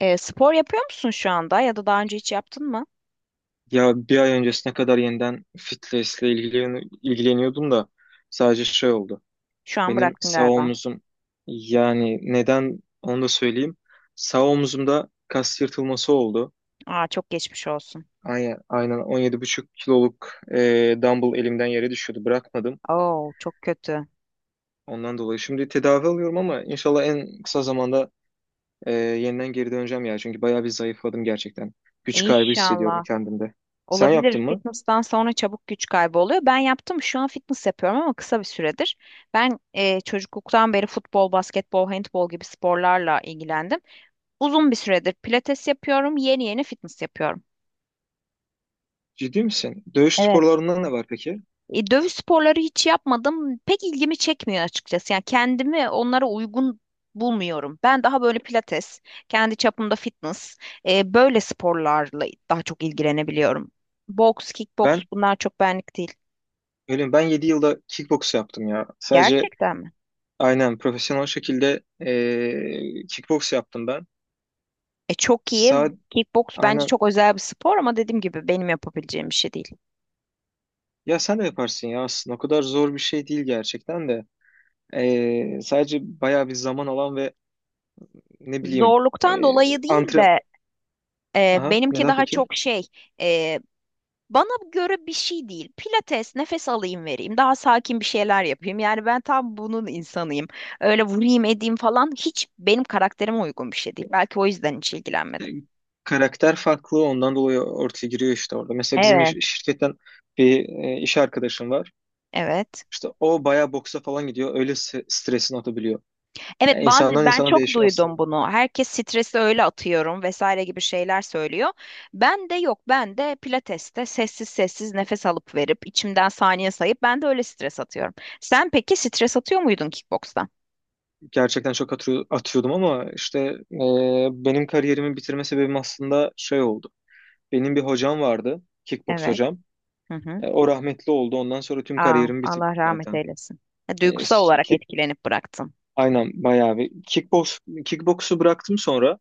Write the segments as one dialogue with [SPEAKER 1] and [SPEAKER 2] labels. [SPEAKER 1] Spor yapıyor musun şu anda ya da daha önce hiç yaptın mı?
[SPEAKER 2] Ya bir ay öncesine kadar yeniden fitness'le ilgileniyordum da sadece şey oldu.
[SPEAKER 1] Şu an
[SPEAKER 2] Benim
[SPEAKER 1] bıraktın
[SPEAKER 2] sağ
[SPEAKER 1] galiba.
[SPEAKER 2] omuzum, yani neden onu da söyleyeyim. Sağ omuzumda kas yırtılması oldu.
[SPEAKER 1] Aa, çok geçmiş olsun.
[SPEAKER 2] Aynen, aynen 17,5 kiloluk dumbbell elimden yere düşüyordu. Bırakmadım.
[SPEAKER 1] Oo, çok kötü.
[SPEAKER 2] Ondan dolayı şimdi tedavi alıyorum ama inşallah en kısa zamanda yeniden geri döneceğim ya. Çünkü bayağı bir zayıfladım gerçekten. Güç kaybı hissediyorum
[SPEAKER 1] İnşallah.
[SPEAKER 2] kendimde. Sen yaptın
[SPEAKER 1] Olabilir.
[SPEAKER 2] mı?
[SPEAKER 1] Fitness'tan sonra çabuk güç kaybı oluyor. Ben yaptım. Şu an fitness yapıyorum ama kısa bir süredir. Ben çocukluktan beri futbol, basketbol, handbol gibi sporlarla ilgilendim. Uzun bir süredir pilates yapıyorum. Yeni yeni fitness yapıyorum.
[SPEAKER 2] Ciddi misin? Dövüş
[SPEAKER 1] Evet.
[SPEAKER 2] sporlarından ne var peki?
[SPEAKER 1] Dövüş sporları hiç yapmadım. Pek ilgimi çekmiyor açıkçası. Yani kendimi onlara uygun bulmuyorum. Ben daha böyle pilates, kendi çapımda fitness, böyle sporlarla daha çok ilgilenebiliyorum. Boks, kickboks
[SPEAKER 2] Ben
[SPEAKER 1] bunlar çok benlik değil.
[SPEAKER 2] Öyle mi? Ben 7 yılda kickboks yaptım ya. Sadece
[SPEAKER 1] Gerçekten mi?
[SPEAKER 2] aynen profesyonel şekilde kickboks yaptım ben.
[SPEAKER 1] E, çok iyi.
[SPEAKER 2] Sa
[SPEAKER 1] Kickboks bence
[SPEAKER 2] aynen
[SPEAKER 1] çok özel bir spor ama dediğim gibi benim yapabileceğim bir şey değil.
[SPEAKER 2] ya sen de yaparsın ya aslında. O kadar zor bir şey değil gerçekten de. Sadece bayağı bir zaman alan ve ne bileyim
[SPEAKER 1] Zorluktan dolayı değil
[SPEAKER 2] antre...
[SPEAKER 1] de
[SPEAKER 2] Aha
[SPEAKER 1] benimki
[SPEAKER 2] neden
[SPEAKER 1] daha
[SPEAKER 2] peki?
[SPEAKER 1] çok şey. e, Bana göre bir şey değil. Pilates, nefes alayım vereyim, daha sakin bir şeyler yapayım. Yani ben tam bunun insanıyım. Öyle vurayım edeyim falan hiç benim karakterime uygun bir şey değil. Belki o yüzden hiç
[SPEAKER 2] E,
[SPEAKER 1] ilgilenmedim.
[SPEAKER 2] Karakter farklı, ondan dolayı ortaya giriyor işte orada. Mesela bizim
[SPEAKER 1] Evet.
[SPEAKER 2] şirketten bir iş arkadaşım var.
[SPEAKER 1] Evet.
[SPEAKER 2] İşte o bayağı boksa falan gidiyor. Öyle stresini atabiliyor.
[SPEAKER 1] Evet,
[SPEAKER 2] Yani
[SPEAKER 1] bazı
[SPEAKER 2] insandan
[SPEAKER 1] ben
[SPEAKER 2] insana
[SPEAKER 1] çok
[SPEAKER 2] değişiyor.
[SPEAKER 1] duydum bunu. Herkes stresi öyle atıyorum vesaire gibi şeyler söylüyor. Ben de yok. Ben de pilateste sessiz sessiz nefes alıp verip içimden saniye sayıp ben de öyle stres atıyorum. Sen peki stres atıyor muydun kickbokstan?
[SPEAKER 2] Gerçekten çok atıyordum ama işte e, benim kariyerimi bitirme sebebim aslında şey oldu. Benim bir hocam vardı, kickboks
[SPEAKER 1] Evet.
[SPEAKER 2] hocam.
[SPEAKER 1] Hı hı.
[SPEAKER 2] O rahmetli oldu. Ondan sonra tüm
[SPEAKER 1] Aa,
[SPEAKER 2] kariyerimi bitirdim
[SPEAKER 1] Allah rahmet
[SPEAKER 2] zaten.
[SPEAKER 1] eylesin. E,
[SPEAKER 2] E,
[SPEAKER 1] duygusal
[SPEAKER 2] s-
[SPEAKER 1] olarak
[SPEAKER 2] ki-
[SPEAKER 1] etkilenip bıraktın.
[SPEAKER 2] aynen bayağı bir kickboksu bıraktım, sonra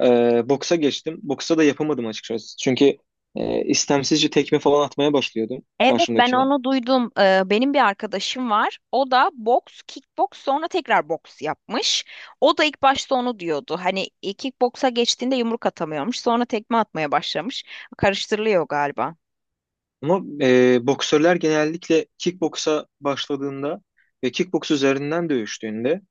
[SPEAKER 2] boksa geçtim. Boksa da yapamadım açıkçası. Çünkü istemsizce tekme falan atmaya başlıyordum
[SPEAKER 1] Evet, ben
[SPEAKER 2] karşımdakine.
[SPEAKER 1] onu duydum. Benim bir arkadaşım var. O da boks, kickboks sonra tekrar boks yapmış. O da ilk başta onu diyordu. Hani kickboksa geçtiğinde yumruk atamıyormuş. Sonra tekme atmaya başlamış. Karıştırılıyor galiba.
[SPEAKER 2] Ama boksörler genellikle kickboksa başladığında ve kickboks üzerinden dövüştüğünde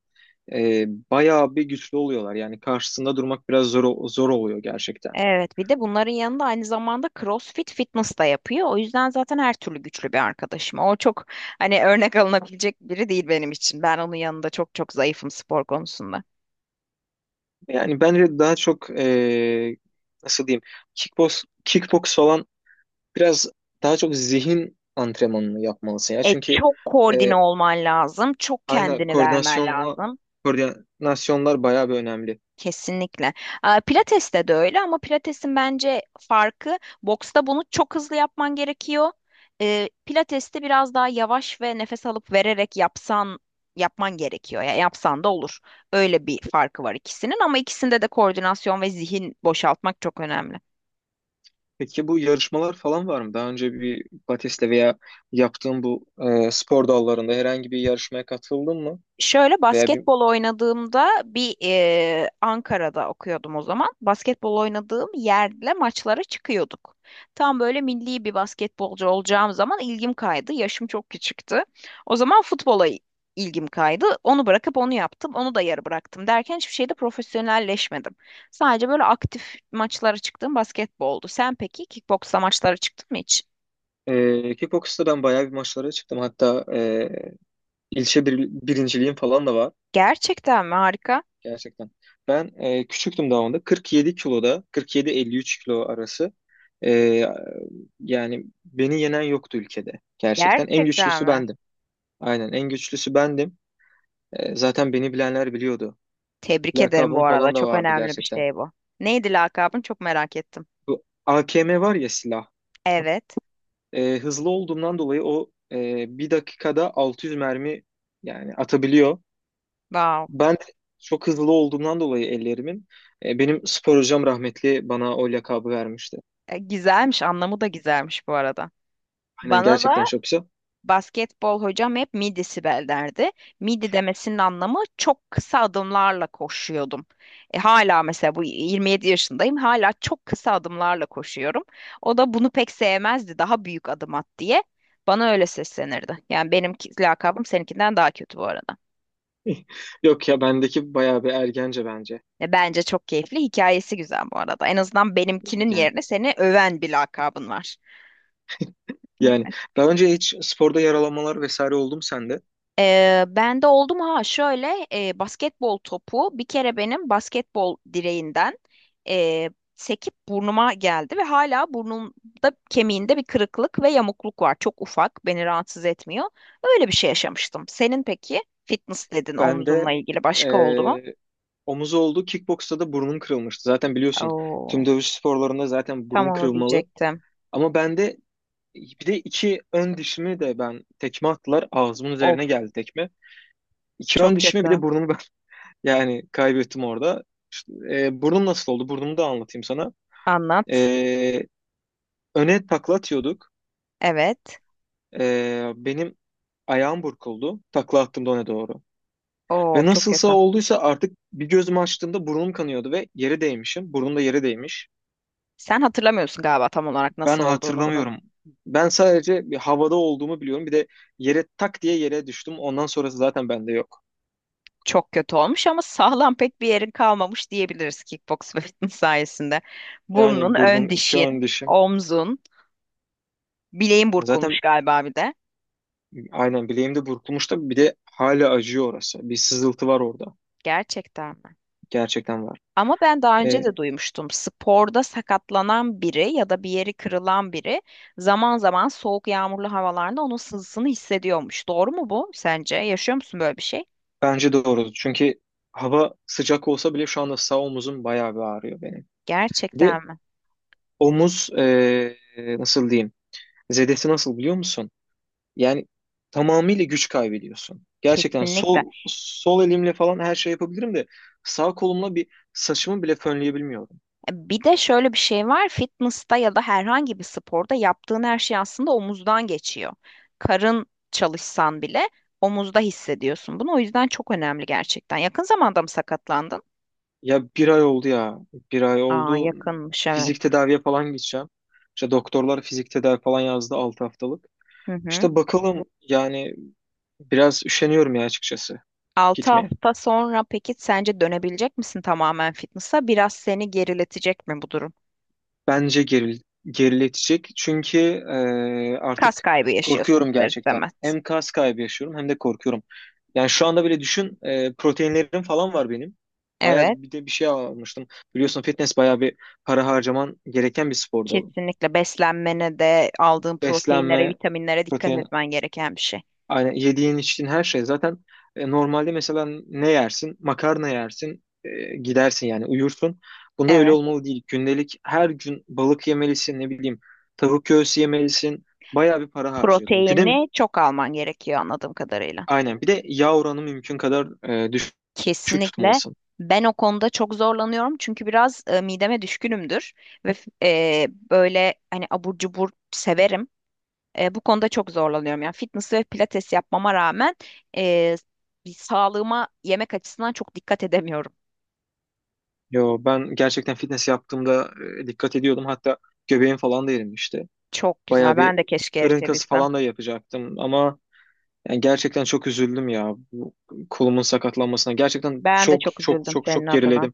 [SPEAKER 2] e, bayağı bir güçlü oluyorlar. Yani karşısında durmak biraz zor zor oluyor gerçekten.
[SPEAKER 1] Evet, bir de bunların yanında aynı zamanda CrossFit fitness da yapıyor. O yüzden zaten her türlü güçlü bir arkadaşım. O çok hani örnek alınabilecek biri değil benim için. Ben onun yanında çok çok zayıfım spor konusunda.
[SPEAKER 2] Yani bence daha çok, nasıl diyeyim, kickbox falan biraz daha çok zihin antrenmanını yapmalısın ya.
[SPEAKER 1] E,
[SPEAKER 2] Çünkü
[SPEAKER 1] çok koordine
[SPEAKER 2] e,
[SPEAKER 1] olman lazım. Çok
[SPEAKER 2] aynen
[SPEAKER 1] kendini vermen lazım.
[SPEAKER 2] koordinasyonlar bayağı bir önemli.
[SPEAKER 1] Kesinlikle. Aa, Pilates'te de öyle ama Pilates'in bence farkı boksta bunu çok hızlı yapman gerekiyor. Pilates'te biraz daha yavaş ve nefes alıp vererek yapsan yapman gerekiyor. Ya yapsan da olur. Öyle bir farkı var ikisinin ama ikisinde de koordinasyon ve zihin boşaltmak çok önemli.
[SPEAKER 2] Peki bu yarışmalar falan var mı? Daha önce bir Batiste veya yaptığın bu spor dallarında herhangi bir yarışmaya katıldın mı?
[SPEAKER 1] Şöyle
[SPEAKER 2] Veya bir
[SPEAKER 1] basketbol oynadığımda bir Ankara'da okuyordum o zaman. Basketbol oynadığım yerle maçlara çıkıyorduk. Tam böyle milli bir basketbolcu olacağım zaman ilgim kaydı. Yaşım çok küçüktü. O zaman futbola ilgim kaydı. Onu bırakıp onu yaptım. Onu da yarı bıraktım derken hiçbir şeyde profesyonelleşmedim. Sadece böyle aktif maçlara çıktığım basketboldu. Sen peki kickboksla maçlara çıktın mı hiç?
[SPEAKER 2] kickbox'ta ben bayağı bir maçlara çıktım. Hatta İlçe birinciliğim falan da var
[SPEAKER 1] Gerçekten mi? Harika.
[SPEAKER 2] gerçekten. Ben küçüktüm daha onda. 47 kiloda, 47-53 kilo arası. E, yani beni yenen yoktu ülkede gerçekten. En
[SPEAKER 1] Gerçekten
[SPEAKER 2] güçlüsü
[SPEAKER 1] mi?
[SPEAKER 2] bendim. Aynen en güçlüsü bendim. Zaten beni bilenler biliyordu.
[SPEAKER 1] Tebrik ederim
[SPEAKER 2] Lakabım
[SPEAKER 1] bu arada.
[SPEAKER 2] falan da
[SPEAKER 1] Çok
[SPEAKER 2] vardı
[SPEAKER 1] önemli bir
[SPEAKER 2] gerçekten.
[SPEAKER 1] şey bu. Neydi lakabın? Çok merak ettim.
[SPEAKER 2] Bu AKM var ya, silah.
[SPEAKER 1] Evet.
[SPEAKER 2] Hızlı olduğumdan dolayı, o bir dakikada 600 mermi yani atabiliyor.
[SPEAKER 1] Wow.
[SPEAKER 2] Ben de çok hızlı olduğumdan dolayı ellerimin, benim spor hocam rahmetli bana o lakabı vermişti.
[SPEAKER 1] E, güzelmiş. Anlamı da güzelmiş bu arada.
[SPEAKER 2] Aynen,
[SPEAKER 1] Bana
[SPEAKER 2] gerçekten
[SPEAKER 1] da
[SPEAKER 2] çok güzel.
[SPEAKER 1] basketbol hocam hep midi Sibel derdi. Midi demesinin anlamı çok kısa adımlarla koşuyordum. E, hala mesela bu 27 yaşındayım. Hala çok kısa adımlarla koşuyorum. O da bunu pek sevmezdi. Daha büyük adım at diye. Bana öyle seslenirdi. Yani benim ki- lakabım seninkinden daha kötü bu arada.
[SPEAKER 2] Yok ya, bendeki bayağı bir ergence bence.
[SPEAKER 1] Ve bence çok keyifli. Hikayesi güzel bu arada. En azından benimkinin
[SPEAKER 2] Yani
[SPEAKER 1] yerine seni öven bir lakabın var.
[SPEAKER 2] yani
[SPEAKER 1] Evet.
[SPEAKER 2] daha önce hiç sporda yaralanmalar vesaire oldu mu sende?
[SPEAKER 1] Ben de oldum ha şöyle basketbol topu bir kere benim basketbol direğinden e, sekip burnuma geldi ve hala burnumda kemiğinde bir kırıklık ve yamukluk var. Çok ufak, beni rahatsız etmiyor. Öyle bir şey yaşamıştım. Senin peki fitness dedin
[SPEAKER 2] Bende
[SPEAKER 1] omzumla ilgili başka oldu mu?
[SPEAKER 2] e, omuz oldu. Kickboksta da burnum kırılmıştı. Zaten biliyorsun, tüm
[SPEAKER 1] Oo,
[SPEAKER 2] dövüş sporlarında zaten
[SPEAKER 1] tam
[SPEAKER 2] burun
[SPEAKER 1] onu
[SPEAKER 2] kırılmalı.
[SPEAKER 1] diyecektim.
[SPEAKER 2] Ama bende bir de iki ön dişimi de ben, tekme attılar. Ağzımın
[SPEAKER 1] Of,
[SPEAKER 2] üzerine geldi tekme. İki ön
[SPEAKER 1] çok
[SPEAKER 2] dişimi bir de
[SPEAKER 1] kötü.
[SPEAKER 2] burnumu, yani kaybettim orada. İşte, burnum nasıl oldu? Burnumu da anlatayım sana.
[SPEAKER 1] Anlat.
[SPEAKER 2] E, öne takla atıyorduk.
[SPEAKER 1] Evet.
[SPEAKER 2] Benim ayağım burkuldu, takla attığımda öne doğru.
[SPEAKER 1] Oo,
[SPEAKER 2] Ve
[SPEAKER 1] çok
[SPEAKER 2] nasılsa
[SPEAKER 1] kötü.
[SPEAKER 2] olduysa artık bir gözümü açtığımda burnum kanıyordu ve yere değmişim. Burnum da yere değmiş.
[SPEAKER 1] Sen hatırlamıyorsun galiba tam olarak
[SPEAKER 2] Ben
[SPEAKER 1] nasıl olduğunu bunun.
[SPEAKER 2] hatırlamıyorum. Ben sadece bir havada olduğumu biliyorum. Bir de yere tak diye yere düştüm. Ondan sonrası zaten bende yok.
[SPEAKER 1] Çok kötü olmuş ama sağlam pek bir yerin kalmamış diyebiliriz kickbox ve fitness sayesinde. Burnun,
[SPEAKER 2] Yani
[SPEAKER 1] ön
[SPEAKER 2] burnum, iki
[SPEAKER 1] dişin,
[SPEAKER 2] ön dişim.
[SPEAKER 1] omzun, bileğin burkulmuş
[SPEAKER 2] Zaten
[SPEAKER 1] galiba bir de.
[SPEAKER 2] aynen bileğimde burkulmuş da bir de hala acıyor orası. Bir sızıltı var orada.
[SPEAKER 1] Gerçekten mi?
[SPEAKER 2] Gerçekten var.
[SPEAKER 1] Ama ben daha önce
[SPEAKER 2] E,
[SPEAKER 1] de duymuştum. Sporda sakatlanan biri ya da bir yeri kırılan biri zaman zaman soğuk yağmurlu havalarda onun sızısını hissediyormuş. Doğru mu bu sence? Yaşıyor musun böyle bir şey?
[SPEAKER 2] bence doğru. Çünkü hava sıcak olsa bile şu anda sağ omuzum bayağı bir ağrıyor benim. Bir de
[SPEAKER 1] Gerçekten mi?
[SPEAKER 2] omuz, nasıl diyeyim? Zedesi nasıl, biliyor musun? Yani tamamıyla güç kaybediyorsun. Gerçekten
[SPEAKER 1] Kesinlikle.
[SPEAKER 2] sol elimle falan her şey yapabilirim de sağ kolumla bir saçımı bile fönleyebilmiyorum.
[SPEAKER 1] Bir de şöyle bir şey var. Fitness'ta ya da herhangi bir sporda yaptığın her şey aslında omuzdan geçiyor. Karın çalışsan bile omuzda hissediyorsun bunu. O yüzden çok önemli gerçekten. Yakın zamanda mı sakatlandın?
[SPEAKER 2] Ya bir ay oldu ya. Bir ay
[SPEAKER 1] Aa,
[SPEAKER 2] oldu.
[SPEAKER 1] yakınmış evet.
[SPEAKER 2] Fizik tedaviye falan gideceğim. İşte doktorlar fizik tedavi falan yazdı, 6 haftalık.
[SPEAKER 1] Hı hı.
[SPEAKER 2] İşte bakalım yani, biraz üşeniyorum ya açıkçası
[SPEAKER 1] 6
[SPEAKER 2] gitmeye.
[SPEAKER 1] hafta sonra peki sence dönebilecek misin tamamen fitness'a? Biraz seni geriletecek mi bu durum?
[SPEAKER 2] Bence geriletecek. Çünkü
[SPEAKER 1] Kas
[SPEAKER 2] artık
[SPEAKER 1] kaybı yaşıyorsun
[SPEAKER 2] korkuyorum
[SPEAKER 1] ister
[SPEAKER 2] gerçekten.
[SPEAKER 1] istemez.
[SPEAKER 2] Hem kas kaybı yaşıyorum, hem de korkuyorum. Yani şu anda bile düşün, proteinlerim falan var benim. Bayağı
[SPEAKER 1] Evet,
[SPEAKER 2] bir de bir şey almıştım. Biliyorsun, fitness bayağı bir para harcaman gereken bir spor dalı.
[SPEAKER 1] kesinlikle beslenmene de aldığın proteinlere,
[SPEAKER 2] Beslenme,
[SPEAKER 1] vitaminlere dikkat
[SPEAKER 2] protein
[SPEAKER 1] etmen gereken bir şey.
[SPEAKER 2] Aynen, yediğin içtiğin her şey zaten, normalde mesela ne yersin? Makarna yersin, gidersin, yani uyursun. Bunda öyle
[SPEAKER 1] Evet,
[SPEAKER 2] olmalı değil. Gündelik her gün balık yemelisin, ne bileyim, tavuk göğsü yemelisin. Bayağı bir para harcıyordum. Güne
[SPEAKER 1] proteini çok alman gerekiyor anladığım kadarıyla.
[SPEAKER 2] aynen bir de yağ oranı mümkün kadar, düşük
[SPEAKER 1] Kesinlikle.
[SPEAKER 2] tutmalısın.
[SPEAKER 1] Ben o konuda çok zorlanıyorum çünkü biraz mideme düşkünümdür ve böyle hani abur cubur severim. Bu konuda çok zorlanıyorum. Yani fitness ve pilates yapmama rağmen e, bir sağlığıma yemek açısından çok dikkat edemiyorum.
[SPEAKER 2] Yo, ben gerçekten fitness yaptığımda dikkat ediyordum. Hatta göbeğim falan da erimişti.
[SPEAKER 1] Çok güzel.
[SPEAKER 2] Bayağı bir
[SPEAKER 1] Ben de keşke
[SPEAKER 2] karın kası
[SPEAKER 1] eritebilsem.
[SPEAKER 2] falan da yapacaktım ama, yani gerçekten çok üzüldüm ya bu kolumun sakatlanmasına. Gerçekten
[SPEAKER 1] Ben de
[SPEAKER 2] çok
[SPEAKER 1] çok
[SPEAKER 2] çok
[SPEAKER 1] üzüldüm
[SPEAKER 2] çok
[SPEAKER 1] senin
[SPEAKER 2] çok
[SPEAKER 1] adına.
[SPEAKER 2] geriledim.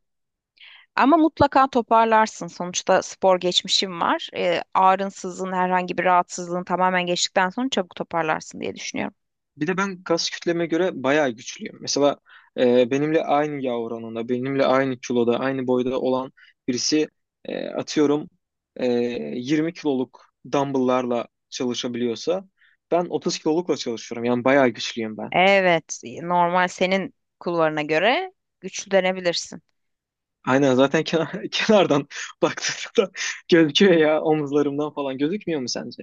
[SPEAKER 1] Ama mutlaka toparlarsın. Sonuçta spor geçmişim var. Ağrınsızlığın, herhangi bir rahatsızlığın tamamen geçtikten sonra çabuk toparlarsın diye düşünüyorum.
[SPEAKER 2] Bir de ben kas kütleme göre bayağı güçlüyüm. Mesela benimle aynı yağ oranında, benimle aynı kiloda, aynı boyda olan birisi, atıyorum, e, 20 kiloluk dumbbell'larla çalışabiliyorsa, ben 30 kilolukla çalışıyorum. Yani bayağı güçlüyüm ben.
[SPEAKER 1] Evet, normal senin kulvarına göre güçlü denebilirsin.
[SPEAKER 2] Aynen, zaten kenardan baktığında gözüküyor ya, omuzlarımdan falan gözükmüyor mu sence?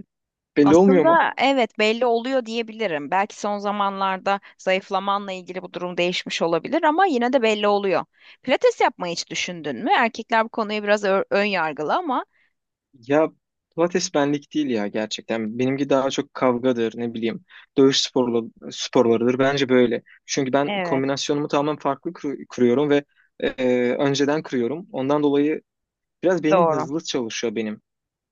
[SPEAKER 2] Belli olmuyor mu?
[SPEAKER 1] Aslında evet belli oluyor diyebilirim. Belki son zamanlarda zayıflamanla ilgili bu durum değişmiş olabilir ama yine de belli oluyor. Pilates yapmayı hiç düşündün mü? Erkekler bu konuya biraz ön yargılı ama
[SPEAKER 2] Ya, Pilates benlik değil ya gerçekten. Benimki daha çok kavgadır, ne bileyim. Dövüş sporlarıdır. Bence böyle. Çünkü ben
[SPEAKER 1] evet
[SPEAKER 2] kombinasyonumu tamamen farklı kuruyorum ve e, önceden kuruyorum. Ondan dolayı biraz benim
[SPEAKER 1] doğru.
[SPEAKER 2] hızlı çalışıyor benim.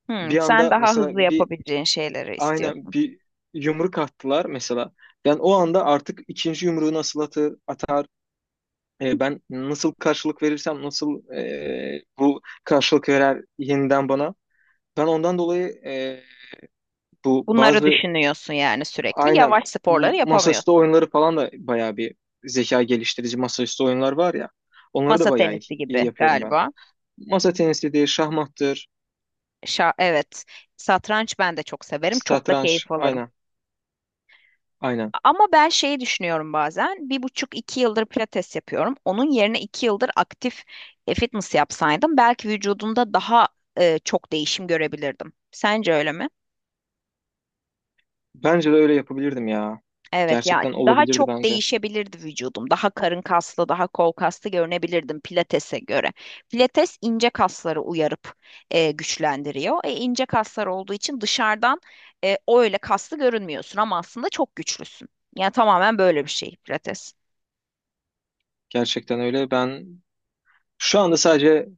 [SPEAKER 1] Hmm,
[SPEAKER 2] Bir
[SPEAKER 1] sen
[SPEAKER 2] anda
[SPEAKER 1] daha
[SPEAKER 2] mesela
[SPEAKER 1] hızlı yapabileceğin şeyleri istiyorsun.
[SPEAKER 2] bir yumruk attılar mesela. Ben o anda artık ikinci yumruğu nasıl atar, ben nasıl karşılık verirsem, nasıl bu karşılık verer yeniden bana. Ben ondan dolayı Bu
[SPEAKER 1] Bunları
[SPEAKER 2] bazı
[SPEAKER 1] düşünüyorsun yani sürekli.
[SPEAKER 2] aynen
[SPEAKER 1] Yavaş
[SPEAKER 2] m-
[SPEAKER 1] sporları
[SPEAKER 2] masaüstü
[SPEAKER 1] yapamıyorsun.
[SPEAKER 2] oyunları falan da bayağı bir zeka geliştirici masaüstü oyunlar var ya. Onları
[SPEAKER 1] Masa
[SPEAKER 2] da bayağı
[SPEAKER 1] tenisi gibi
[SPEAKER 2] iyi yapıyorum ben.
[SPEAKER 1] galiba.
[SPEAKER 2] Masa tenisidir, şahmattır,
[SPEAKER 1] Şa evet. Satranç ben de çok severim. Çok da
[SPEAKER 2] satranç,
[SPEAKER 1] keyif alırım.
[SPEAKER 2] aynen, aynen.
[SPEAKER 1] Ama ben şeyi düşünüyorum bazen. Bir buçuk iki yıldır pilates yapıyorum. Onun yerine iki yıldır aktif fitness yapsaydım belki vücudumda daha çok değişim görebilirdim. Sence öyle mi?
[SPEAKER 2] Bence de öyle yapabilirdim ya.
[SPEAKER 1] Evet ya,
[SPEAKER 2] Gerçekten
[SPEAKER 1] daha
[SPEAKER 2] olabilirdi
[SPEAKER 1] çok
[SPEAKER 2] bence.
[SPEAKER 1] değişebilirdi vücudum. Daha karın kaslı, daha kol kaslı görünebilirdim pilatese göre. Pilates ince kasları uyarıp güçlendiriyor. E, ince kaslar olduğu için dışarıdan öyle kaslı görünmüyorsun ama aslında çok güçlüsün. Yani tamamen böyle bir şey pilates.
[SPEAKER 2] Gerçekten öyle. Ben şu anda sadece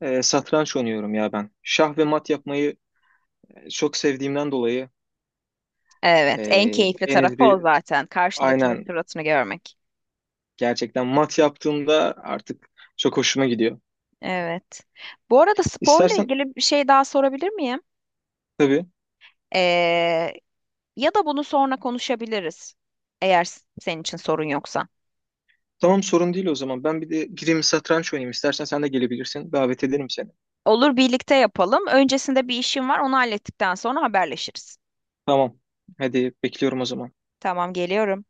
[SPEAKER 2] satranç oynuyorum ya ben. Şah ve mat yapmayı çok sevdiğimden dolayı,
[SPEAKER 1] Evet, en
[SPEAKER 2] e,
[SPEAKER 1] keyifli
[SPEAKER 2] en az
[SPEAKER 1] tarafı o
[SPEAKER 2] bir
[SPEAKER 1] zaten. Karşındakinin
[SPEAKER 2] aynen,
[SPEAKER 1] suratını görmek.
[SPEAKER 2] gerçekten mat yaptığımda artık çok hoşuma gidiyor.
[SPEAKER 1] Evet. Bu arada sporla
[SPEAKER 2] İstersen
[SPEAKER 1] ilgili bir şey daha sorabilir miyim?
[SPEAKER 2] Tabii.
[SPEAKER 1] E, ya da bunu sonra konuşabiliriz. Eğer senin için sorun yoksa.
[SPEAKER 2] Tamam, sorun değil o zaman. Ben bir de gireyim satranç oynayayım. İstersen sen de gelebilirsin. Davet ederim seni.
[SPEAKER 1] Olur, birlikte yapalım. Öncesinde bir işim var, onu hallettikten sonra haberleşiriz.
[SPEAKER 2] Tamam. Hadi bekliyorum o zaman.
[SPEAKER 1] Tamam, geliyorum.